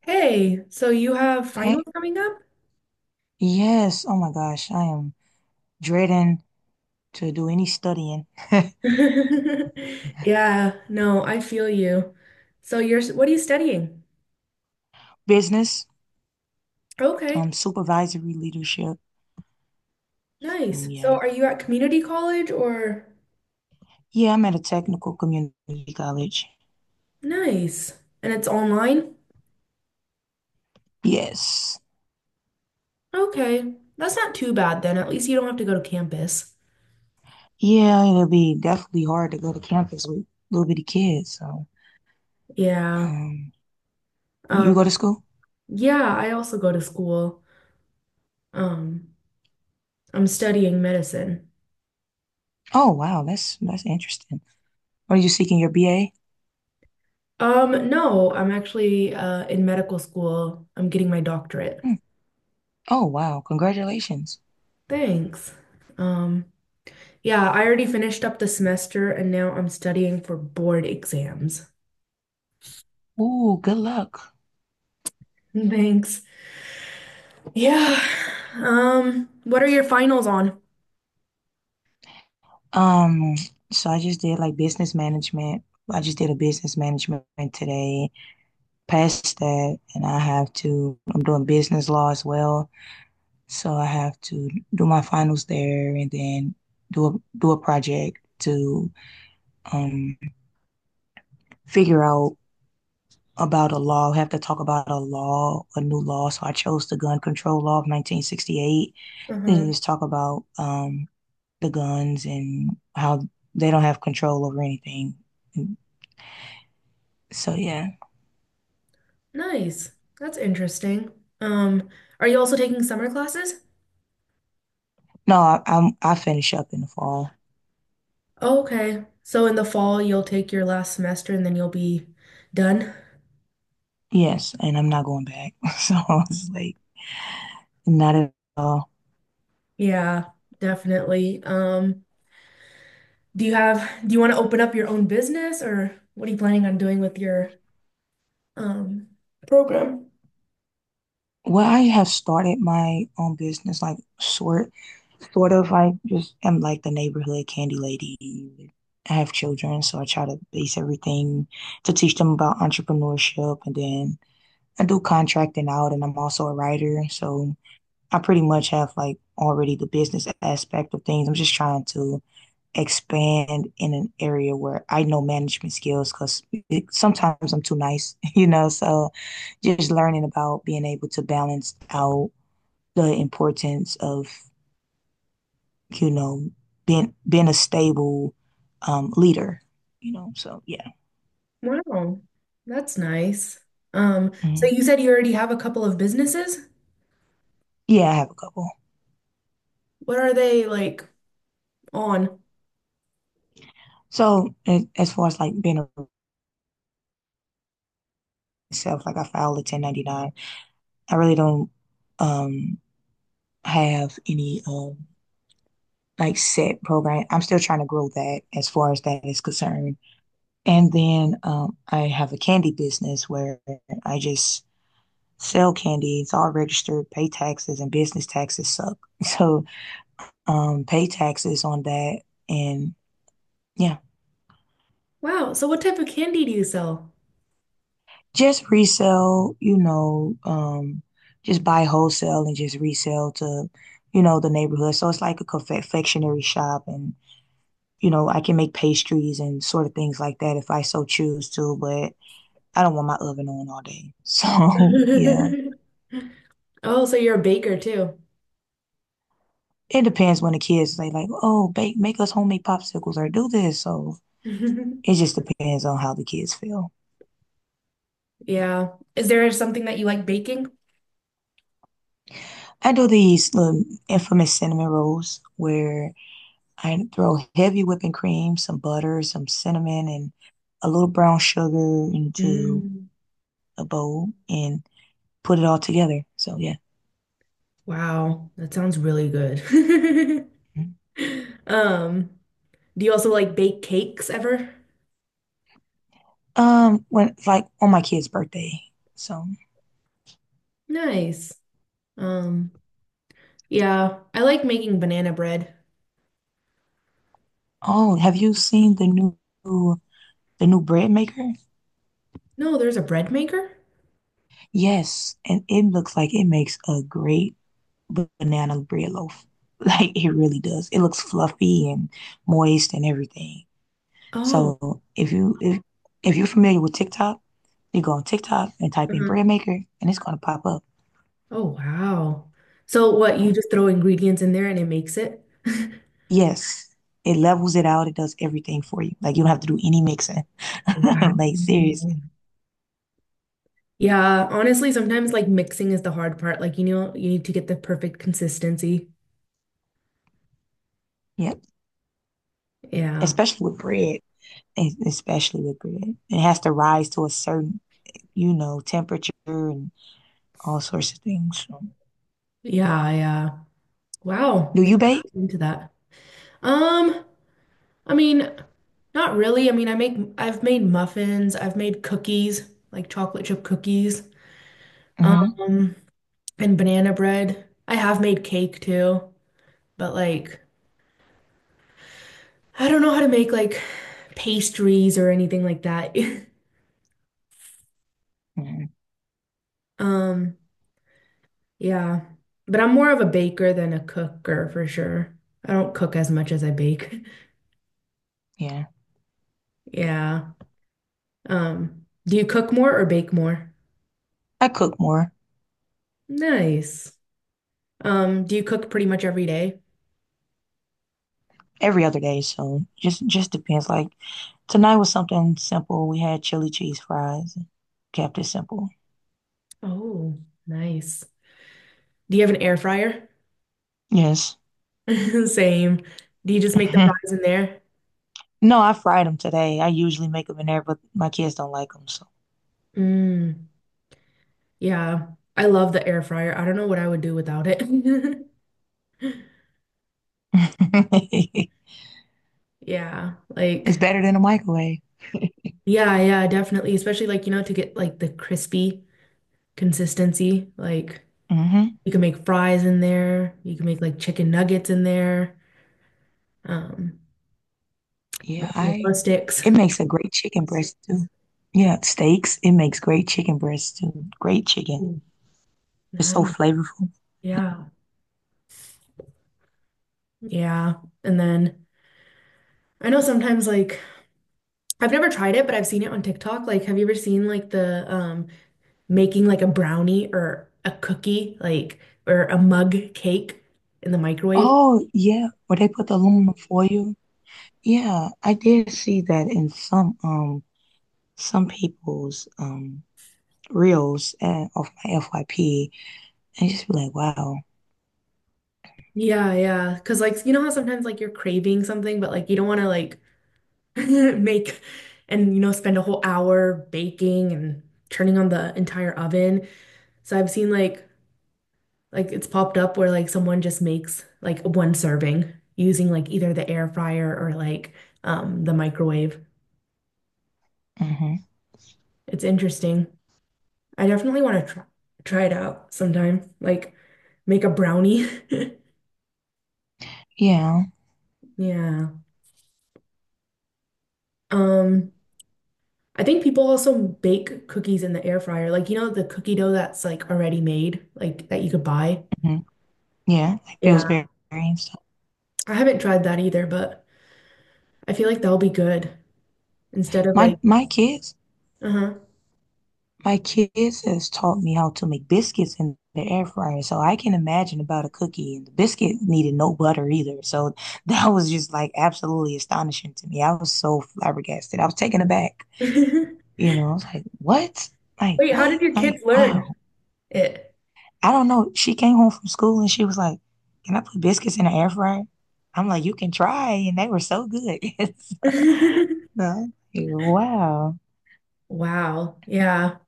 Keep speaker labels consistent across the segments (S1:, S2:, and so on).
S1: Hey, so you have finals
S2: Hey,
S1: coming up?
S2: yes. Oh my gosh, I am dreading to do any studying.
S1: Yeah, no, I feel you. So what are you studying?
S2: Business,
S1: Okay,
S2: supervisory leadership.
S1: nice.
S2: Mm,
S1: So
S2: yeah.
S1: are you at community college or?
S2: Yeah, I'm at a technical community college.
S1: Nice. And it's online?
S2: Yes.
S1: Okay, that's not too bad then. At least you don't have to go to campus.
S2: Yeah, it'll be definitely hard to go to campus with little bitty kids. So,
S1: Yeah.
S2: um,
S1: Um,
S2: you go to school?
S1: yeah, I also go to school. Um, I'm studying medicine.
S2: Oh wow, that's interesting. What are you seeking your BA?
S1: No, I'm actually in medical school. I'm getting my doctorate.
S2: Hmm. Oh wow, congratulations.
S1: Thanks. Um, Yeah, I already finished up the semester and now I'm studying for board exams.
S2: Ooh, good luck.
S1: Thanks. Yeah. What are your finals on?
S2: Um, so I just did like business management. I just did a business management today. Past that, and I'm doing business law as well. So I have to do my finals there and then do a project to um figure out about a law. I have to talk about a law, a new law. So I chose the gun control law of 1968. Then
S1: Uh-huh.
S2: just talk about the guns and how they don't have control over anything. So yeah,
S1: Nice. That's interesting. Um, are you also taking summer classes?
S2: no, I'm I finish up in the fall.
S1: Okay. So in the fall you'll take your last semester and then you'll be done?
S2: Yes, and I'm not going back. So I was like, not at all.
S1: Yeah, definitely. Do you want to open up your own business, or what are you planning on doing with your um program?
S2: Well, I have started my own business, like sort of. I just am like the neighborhood candy lady. I have children, so I try to base everything to teach them about entrepreneurship, and then I do contracting out, and I'm also a writer, so I pretty much have like already the business aspect of things. I'm just trying to expand in an area where I know management skills because sometimes I'm too nice, you know. So just learning about being able to balance out the importance of, you know, being a stable leader, you know. So yeah.
S1: Wow, that's nice. So
S2: Mhm.
S1: you said you already have a couple of businesses?
S2: Yeah, I have a couple.
S1: What are they like on?
S2: So as far as like being a myself, like I filed a 1099. I really don't um have any like set program. I'm still trying to grow that as far as that is concerned. And then I have a candy business where I just sell candy. It's all registered, pay taxes, and business taxes suck. So pay taxes on that. And yeah,
S1: Wow, so what type of candy do you sell?
S2: just resell, you know, just buy wholesale and just resell to, you know, the neighborhood. So it's like a confectionery shop and you know, I can make pastries and sort of things like that if I so choose to, but I don't want my oven on all day. So yeah,
S1: Oh, so you're a baker too.
S2: it depends when the kids say like, "Oh, bake, make us homemade popsicles or do this." So it just depends on how the kids feel.
S1: Yeah. Is there something that you like baking?
S2: I do these little infamous cinnamon rolls where I throw heavy whipping cream, some butter, some cinnamon, and a little brown sugar into
S1: Mm,
S2: a bowl and put it all together. So yeah.
S1: wow, that sounds really good. Um, do you also like bake cakes ever?
S2: When like on my kid's birthday. So,
S1: Nice. Um, yeah, I like making banana bread.
S2: oh, have you seen the new bread maker?
S1: No, there's a bread maker?
S2: Yes, and it looks like it makes a great banana bread loaf. Like it really does. It looks fluffy and moist and everything.
S1: Oh.
S2: So if you're familiar with TikTok, you go on TikTok and type in
S1: Mhm.
S2: bread maker and it's gonna pop up.
S1: Oh, wow. So what, you just throw ingredients in there and it makes it?
S2: Yes, it levels it out. It does everything for you. Like you don't have to do any mixing. Like serious.
S1: Wow. Yeah, honestly, sometimes like mixing is the hard part. Like, you know, you need to get the perfect consistency.
S2: Yep.
S1: Yeah.
S2: Especially with bread. Especially with bread. It has to rise to a certain, you know, temperature and all sorts of things. So.
S1: Yeah, yeah. Wow.
S2: Do
S1: Maybe
S2: you bake?
S1: I'll get into that. Um, I mean, not really. I mean, I've made muffins, I've made cookies, like chocolate chip cookies,
S2: Hmm.
S1: um, and banana bread. I have made cake too, but like I don't know how to make like pastries or anything like that.
S2: Hmm.
S1: Um, yeah. But I'm more of a baker than a cooker for sure. I don't cook as much as I bake.
S2: Yeah,
S1: Yeah. Do you cook more or bake more?
S2: I cook more
S1: Nice. Do you cook pretty much every day?
S2: every other day, so just depends. Like tonight was something simple. We had chili cheese fries. Kept it simple.
S1: Oh, nice. Do you have an air fryer?
S2: Yes.
S1: Same. Do you just make the
S2: Mhm.
S1: fries in there?
S2: No, I fried them today. I usually make them in there, but my kids don't like them, so
S1: Mm, yeah. I love the air fryer. I don't know what I would do without it.
S2: it's
S1: Yeah, like
S2: better than a microwave.
S1: yeah, yeah, definitely. Especially like, you know, to get like the crispy consistency. Like
S2: Hmm.
S1: you can make fries in there. You can make like chicken nuggets in there. Um,
S2: Yeah, I.
S1: mozzarella sticks.
S2: It makes a great chicken breast too. Yeah, steaks. It makes great chicken breast too. Great chicken.
S1: Ooh,
S2: It's so
S1: nice.
S2: flavorful.
S1: Yeah. Yeah. And then I know sometimes like I've never tried it, but I've seen it on TikTok. Like, have you ever seen like the making like a brownie or a cookie, like or a mug cake in the microwave?
S2: Oh, yeah, where they put the aluminum foil. Yeah, I did see that in some people's reels of my FYP and just be like, wow.
S1: Yeah, yeah. Because, like, you know how sometimes, like, you're craving something, but, like, you don't want to, like, make and you know spend a whole hour baking and turning on the entire oven. So I've seen like it's popped up where like someone just makes like one serving using like either the air fryer or like the microwave.
S2: Hmm.
S1: It's interesting. I definitely want to try it out sometime. Like make a brownie.
S2: Yeah.
S1: Yeah. Um, I think people also bake cookies in the air fryer. Like you know the cookie dough that's like already made, like that you could buy.
S2: Mhm. Yeah, like
S1: Yeah.
S2: Pillsbury and stuff.
S1: I haven't tried that either, but I feel like that'll be good instead of
S2: My
S1: like,
S2: my kids,
S1: uh-huh.
S2: my kids has taught me how to make biscuits in the air fryer. So I can imagine about a cookie and the biscuit needed no butter either. So that was just like absolutely astonishing to me. I was so flabbergasted. I was taken aback. You know, I was like, what? Like
S1: Wait, how
S2: what?
S1: did your
S2: Like
S1: kids
S2: wow.
S1: learn it?
S2: I don't know. She came home from school and she was like, can I put biscuits in the air fryer? I'm like, you can try. And they were so good. So, I'm like, wow.
S1: Wow. Yeah.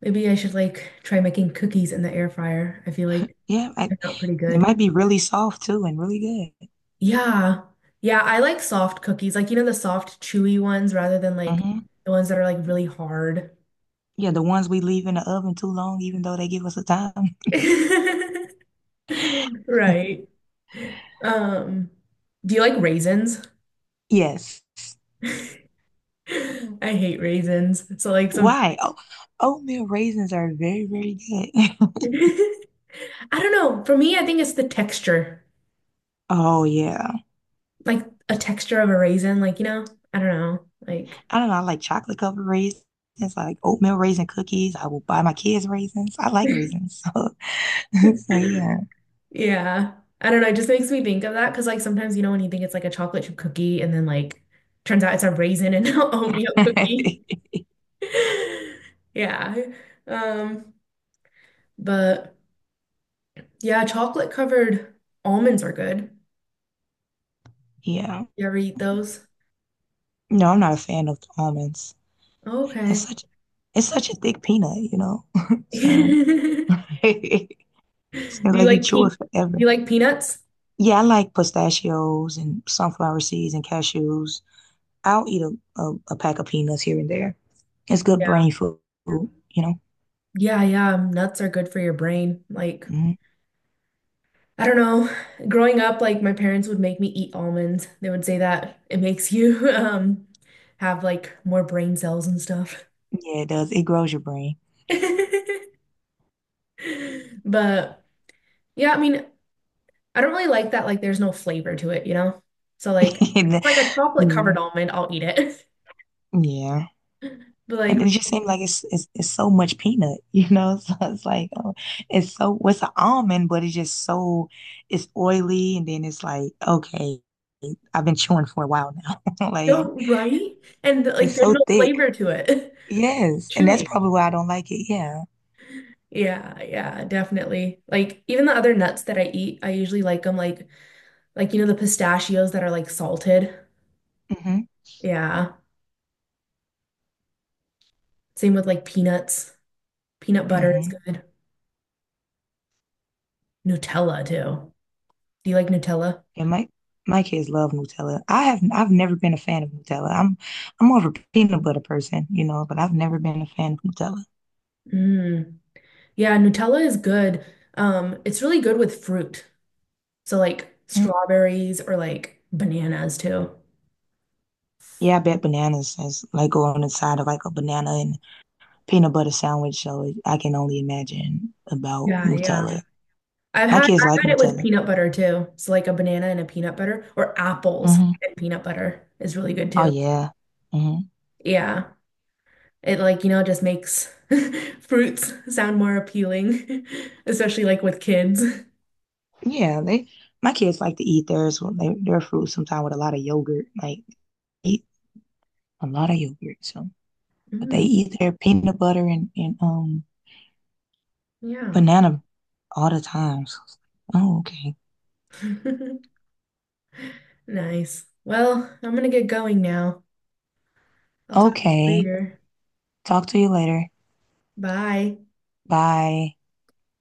S1: Maybe I should like try making cookies in the air fryer. I feel like
S2: Yeah, I,
S1: they're not pretty
S2: it
S1: good.
S2: might be really soft too and really good.
S1: Yeah. Yeah, I like soft cookies. Like, you know, the soft, chewy ones rather than like
S2: Hmm.
S1: the ones that are like really hard.
S2: Yeah, the ones we leave in the oven too long, even though they give us a time.
S1: Right. Um, do you like raisins?
S2: Yes.
S1: I hate raisins. So like
S2: Why? Oh, oatmeal raisins are very, very good.
S1: I don't know. For me, I think it's the texture,
S2: Oh yeah.
S1: like a texture of a raisin. Like, you know, I don't know. Like,
S2: I don't know. I like chocolate covered raisins, like oatmeal raisin cookies. I will buy my kids raisins. I like raisins. So, so yeah.
S1: yeah, I don't know. It just makes me think of that because, like, sometimes, you know, when you think it's like a chocolate chip cookie and then, like, turns out it's a raisin and not oatmeal cookie. Yeah. Um, but yeah, chocolate covered almonds are good.
S2: Yeah.
S1: You ever eat those?
S2: No, I'm not a fan of almonds.
S1: Oh,
S2: It's
S1: okay.
S2: such it's such a thick peanut, you know. So
S1: Do
S2: so like you chew
S1: do
S2: it forever.
S1: you like peanuts?
S2: Yeah, I like pistachios and sunflower seeds and cashews. I'll eat a pack of peanuts here and there. It's good
S1: Yeah.
S2: brain food, you know?
S1: Yeah, yeah, nuts are good for your brain. Like,
S2: Hmm.
S1: I don't know. Growing up, like my parents would make me eat almonds. They would say that it makes you have like more brain cells and stuff.
S2: Yeah, it does. It grows your brain.
S1: But yeah, I mean, I don't really like that like there's no flavor to it, you know? So like if
S2: And
S1: it's
S2: the-
S1: like a chocolate
S2: yeah,
S1: covered almond, I'll eat it.
S2: yeah.
S1: But like
S2: And it just seems like it's so much peanut, you know? So it's like oh, it's so what's an almond, but it's just so it's oily, and then it's like okay, I've been chewing for a while now. Like
S1: no, right? And like
S2: it's
S1: there's
S2: so
S1: no
S2: thick.
S1: flavor to it.
S2: Yes, and that's
S1: Chewy.
S2: probably why I don't like it. Yeah.
S1: Yeah, yeah, definitely. Like even the other nuts that I eat, I usually like them like, you know, the pistachios that are like salted.
S2: Hmm.
S1: Yeah. Same with like peanuts. Peanut butter is
S2: Hmm.
S1: good. Nutella too. Do you like Nutella?
S2: Yeah, my kids love Nutella. I've never been a fan of Nutella. I'm more of a peanut butter person, you know, but I've never been a fan of Nutella.
S1: Mm. Yeah, Nutella is good. It's really good with fruit. So like
S2: Mm.
S1: strawberries or like bananas too.
S2: Yeah, I bet bananas is like go on the side of like a banana and peanut butter sandwich. So I can only imagine about
S1: Yeah, yeah.
S2: Nutella. My kids
S1: I've
S2: like
S1: had it with
S2: Nutella.
S1: peanut butter too. So like a banana and a peanut butter or apples
S2: Hmm.
S1: and peanut butter is really good
S2: Oh
S1: too.
S2: yeah. Hmm.
S1: Yeah. It like, you know, just makes fruits sound more appealing, especially like with kids.
S2: Yeah, they my kids like to eat theirs with their fruit sometimes with a lot of yogurt. Like eat a lot of yogurt. So. But they
S1: Mm,
S2: eat their peanut butter and
S1: yeah.
S2: banana all the time. So I was like, oh, okay.
S1: Nice. Well, I'm gonna get going now. I'll talk to you
S2: Okay.
S1: later.
S2: Talk to you later.
S1: Bye.
S2: Bye.